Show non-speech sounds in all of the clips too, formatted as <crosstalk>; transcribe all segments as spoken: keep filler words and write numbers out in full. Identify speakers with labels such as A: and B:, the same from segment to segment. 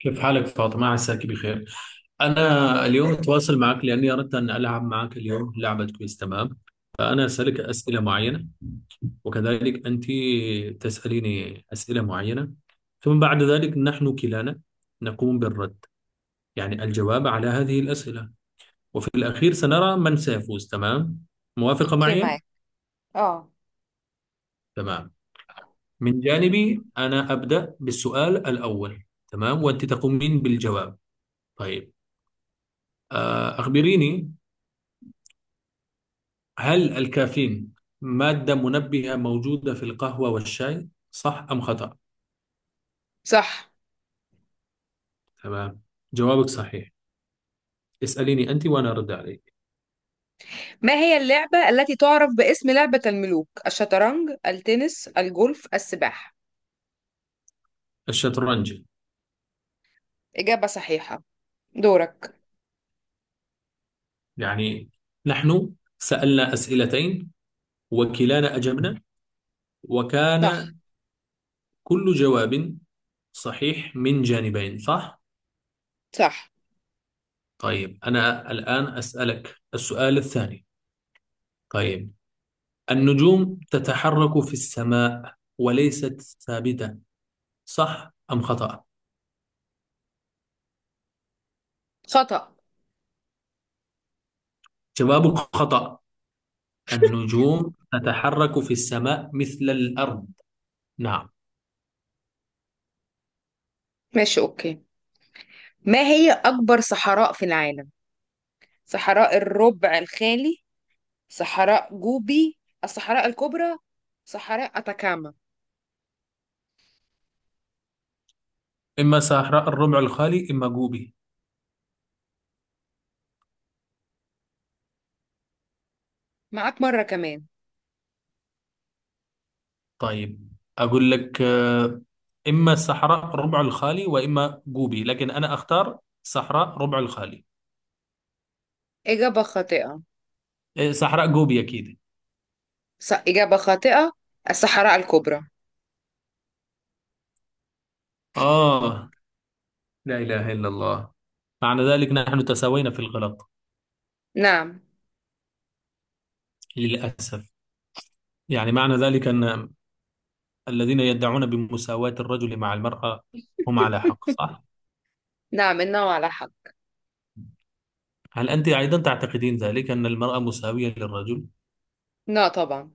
A: كيف حالك فاطمة؟ عساك بخير. أنا اليوم أتواصل معك لأني أردت أن ألعب معك اليوم لعبة. كويس؟ تمام. فأنا أسألك أسئلة معينة، وكذلك أنت تسأليني أسئلة معينة، ثم بعد ذلك نحن كلانا نقوم بالرد، يعني الجواب على هذه الأسئلة. وفي الأخير سنرى من سيفوز. تمام؟ موافقة
B: في
A: معي؟
B: معاك، اه،
A: تمام. من جانبي أنا أبدأ بالسؤال الأول، تمام، وأنت تقومين بالجواب. طيب. آه، أخبريني، هل الكافيين مادة منبهة موجودة في القهوة والشاي؟ صح أم خطأ؟
B: صح.
A: تمام، جوابك صحيح. اسأليني أنت وأنا أرد عليك.
B: ما هي اللعبة التي تعرف باسم لعبة الملوك؟ الشطرنج، التنس، الجولف، السباحة.
A: الشطرنج.
B: إجابة صحيحة. دورك.
A: يعني نحن سألنا أسئلتين وكلانا أجبنا،
B: صح.
A: وكان كل جواب صحيح من جانبين، صح؟
B: صح.
A: طيب، أنا الآن أسألك السؤال الثاني. طيب، النجوم تتحرك في السماء وليست ثابتة، صح أم خطأ؟
B: خطأ.
A: جوابك خطأ. النجوم تتحرك في السماء مثل الأرض. نعم.
B: ماشي، أوكي. ما هي أكبر صحراء في العالم؟ صحراء الربع الخالي، صحراء جوبي، الصحراء الكبرى، صحراء أتاكاما.
A: إما صحراء الربع الخالي، إما جوبي.
B: معاك مرة كمان.
A: طيب، أقول لك، آه، إما صحراء الربع الخالي وإما جوبي، لكن أنا أختار صحراء ربع الخالي.
B: إجابة خاطئة.
A: إيه، صحراء جوبي أكيد.
B: ص... إجابة خاطئة. الصحراء الكبرى.
A: آه، لا إله إلا الله. معنى ذلك نحن تساوينا في الغلط،
B: نعم.
A: للأسف. يعني معنى ذلك أن الذين يدعون بمساواة الرجل مع المرأة هم على حق، صح؟
B: نعم، النوع على حق.
A: هل أنت أيضا تعتقدين ذلك، أن المرأة مساوية للرجل؟
B: لا طبعا.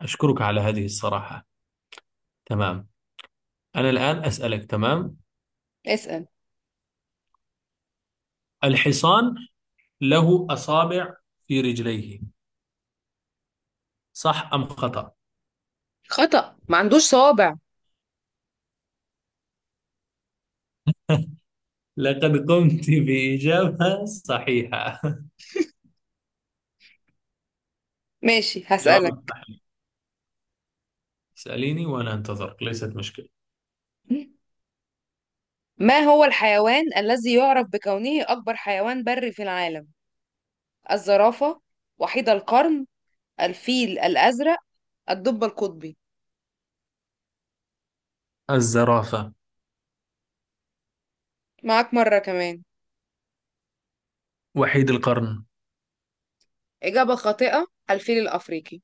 A: أشكرك على هذه الصراحة. تمام، أنا الآن أسألك. تمام،
B: اسأل.
A: الحصان له أصابع في رجليه، صح أم خطأ؟
B: خطأ، ما عندوش صوابع.
A: لقد قمت بإجابة صحيحة.
B: ماشي
A: <laughs> جواب
B: هسألك.
A: صحيح. اسأليني وأنا أنتظرك، ليست مشكلة.
B: ما هو الحيوان الذي يعرف بكونه أكبر حيوان بري في العالم؟ الزرافة، وحيد القرن، الفيل الأزرق، الدب القطبي.
A: الزرافة.
B: معاك مرة كمان.
A: وحيد القرن.
B: إجابة خاطئة، الفيل الأفريقي.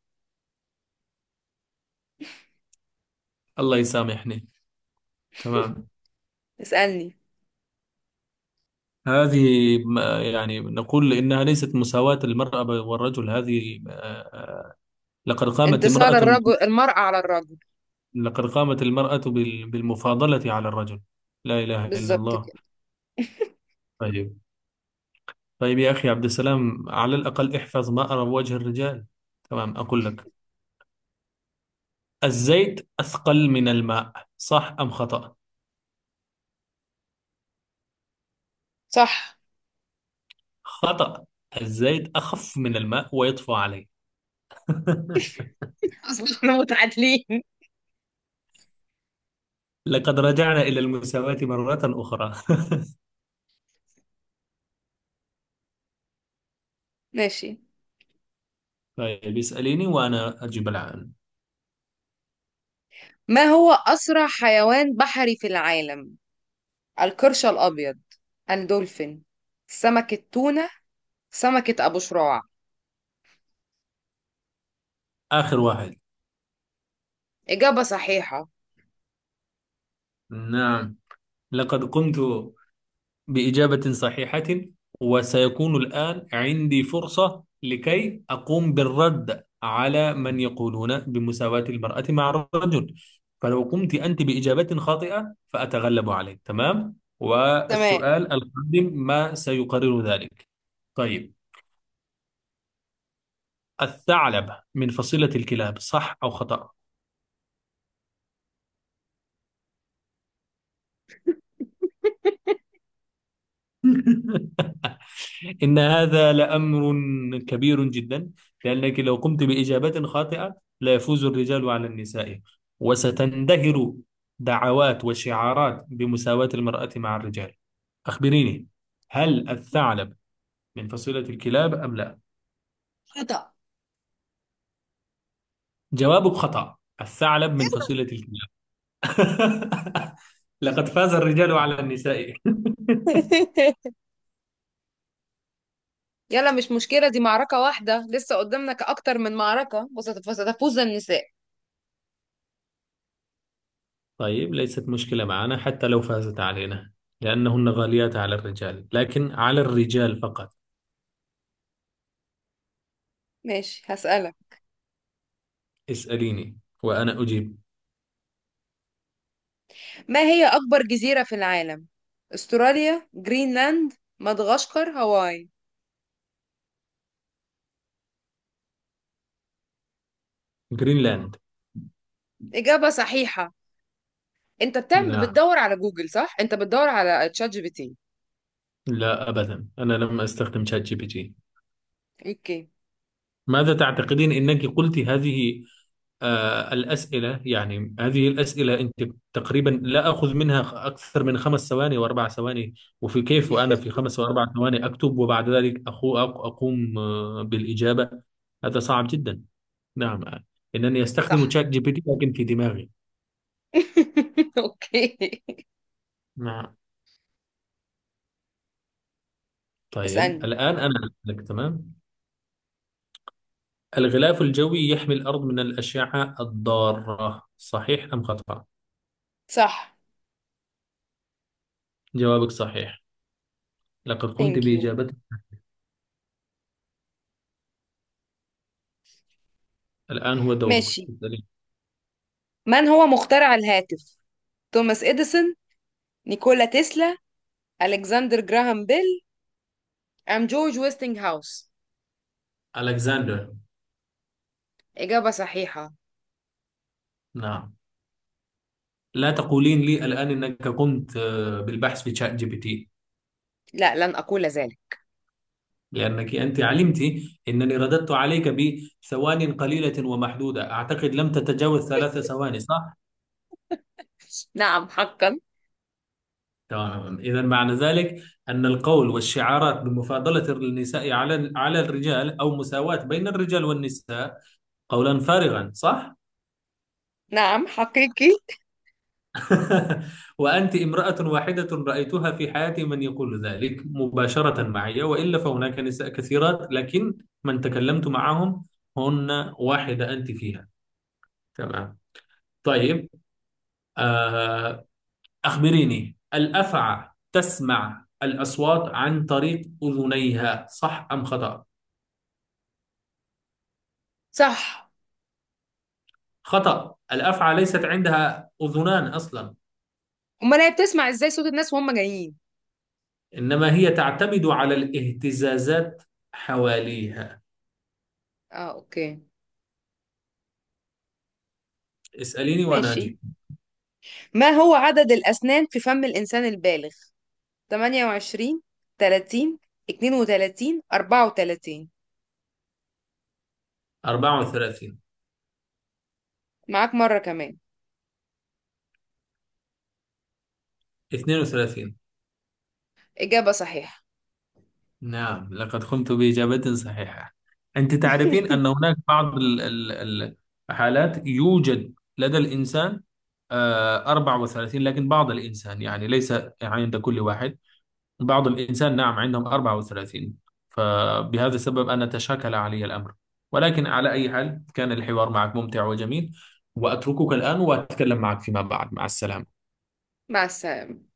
A: الله يسامحني. تمام.
B: اسألني.
A: هذه، ما- يعني نقول إنها ليست مساواة المرأة والرجل، هذه، آه، آه، لقد قامت
B: انتصار
A: امرأة،
B: الرجل المرأة على الرجل.
A: لقد قامت المرأة بال- بالمفاضلة على الرجل. لا إله إلا
B: بالظبط
A: الله.
B: كده.
A: طيب، طيب، يا أخي عبد السلام، على الأقل احفظ، ما أرى وجه الرجال. تمام، أقول لك، الزيت أثقل من الماء، صح أم خطأ؟
B: صح.
A: خطأ. الزيت أخف من الماء ويطفو عليه. <laughs>
B: <laughs> أصلا احنا متعادلين.
A: لقد رجعنا إلى المساواة مرة أخرى.
B: ماشي.
A: <laughs> طيب، اسأليني وأنا أجيب الآن.
B: ما هو أسرع حيوان بحري في العالم؟ القرش الأبيض، الدولفين، سمك التونة، سمكة أبو شراع.
A: آخر واحد.
B: إجابة صحيحة.
A: نعم، لقد قمت بإجابة صحيحة. وسيكون الآن عندي فرصة لكي أقوم بالرد على من يقولون بمساواة المرأة مع الرجل. فلو قمت أنت بإجابة خاطئة فأتغلب عليك، تمام،
B: تمام.
A: والسؤال القادم ما سيقرر ذلك. طيب، الثعلب من فصيلة الكلاب، صح أو خطأ؟ <laughs> إن هذا لأمر كبير جدا، لأنك لو قمت بإجابة خاطئة لا يفوز الرجال على النساء، وستندهر دعوات وشعارات بمساواة المرأة مع الرجال. أخبريني، هل الثعلب من فصيلة الكلاب أم لا؟
B: خطأ.
A: جوابك خطأ. الثعلب من فصيلة الكلاب. <laughs> لقد فاز الرجال على النساء. <laughs>
B: <laughs> يلا مش مشكلة، دي معركة واحدة لسه قدامنا أكتر من معركة، وست- وستفوز النساء.
A: طيب، ليست مشكلة معنا حتى لو فازت علينا، لأنهن غاليات على الرجال، لكن على الرجال فقط.
B: ماشي هسألك.
A: اسأليني وأنا أجيب.
B: ما هي أكبر جزيرة في العالم؟ أستراليا، جرينلاند، مدغشقر، هاواي.
A: جرينلاند.
B: إجابة صحيحة. أنت بتعمل،
A: نعم.
B: بتدور على جوجل صح؟ أنت بتدور على تشات جي بي تي.
A: لا، أبدا، أنا لم أستخدم شات جي بي تي.
B: أوكي.
A: ماذا تعتقدين؟ أنك قلت هذه، آه الأسئلة، يعني هذه الأسئلة أنت تقريبا لا أخذ منها خ- أكثر من خمس ثواني وأربع ثواني. وفي كيف وأنا في خمس وأربع ثواني أكتب، وبعد ذلك أخو أق- أقوم آه، بالإجابة. هذا صعب جدا. نعم، إنني أستخدم
B: صح.
A: شات جي بي تي لكن في دماغي.
B: <laughs> أوكي.
A: نعم. طيب،
B: اسألني.
A: الآن أنا لك. تمام، الغلاف الجوي يحمي الأرض من الأشعة الضارة، صحيح أم خطأ؟
B: صح.
A: جوابك صحيح. لقد قمت
B: ثانك يو.
A: بإجابته. الآن هو دورك.
B: ماشي.
A: اسألي.
B: من هو مخترع الهاتف؟ توماس إديسون، نيكولا تسلا، ألكسندر جراهام بيل، أم جورج ويستنج هاوس.
A: ألكسندر.
B: إجابة صحيحة.
A: نعم. لا تقولين لي الآن أنك قمت آه، بالبحث في شات جي بي تي.
B: لا، لن أقول ذلك.
A: لأنك أنت علمت أنني رددت عليك بثوان قليلة ومحدودة، أعتقد لم تتجاوز ثلاث ثواني، صح؟
B: نعم حقا.
A: تمام، إذا معنى ذلك أن القول والشعارات بمفاضلة النساء على على الرجال أو مساواة بين الرجال والنساء قولا فارغا، صح.
B: نعم حقيقي.
A: <laughs> وأنت امرأة واحدة رأيتها في حياتي من يقول ذلك مباشرة معي، وإلا فهناك نساء كثيرات، لكن من تكلمت معهم، هن واحدة أنت فيها. تمام. طيب. آه أخبريني، الأفعى تسمع الأصوات عن طريق أذنيها، صح أم خطأ؟
B: صح.
A: خطأ. الأفعى ليست عندها أذنان أصلا.
B: أمال هي بتسمع إزاي صوت الناس وهم جايين؟
A: إنما هي تعتمد على الاهتزازات حواليها.
B: آه أوكي.
A: اسأليني وأنا
B: ماشي.
A: أجيب.
B: ما هو عدد الأسنان في فم الإنسان البالغ؟ تمانية وعشرين، تلاتين، اتنين وتلاتين، أربعة وتلاتين.
A: أربعة وثلاثين.
B: معاك مرة كمان.
A: اثنان وثلاثون.
B: إجابة صحيحة.
A: نعم، لقد قمت بإجابة صحيحة. أنت تعرفين أن
B: <laughs>
A: هناك بعض ال- ال- الحالات، يوجد لدى الإنسان آه، أربعة وثلاثين، لكن بعض الإنسان يعني، ليس يعني عند كل واحد. بعض الإنسان نعم عندهم أربعة وثلاثين، فبهذا السبب أنا تشاكل علي الأمر. ولكن على أي حال، كان الحوار معك ممتع وجميل، وأتركك الآن وأتكلم معك فيما بعد. مع السلامة.
B: مع السلامة.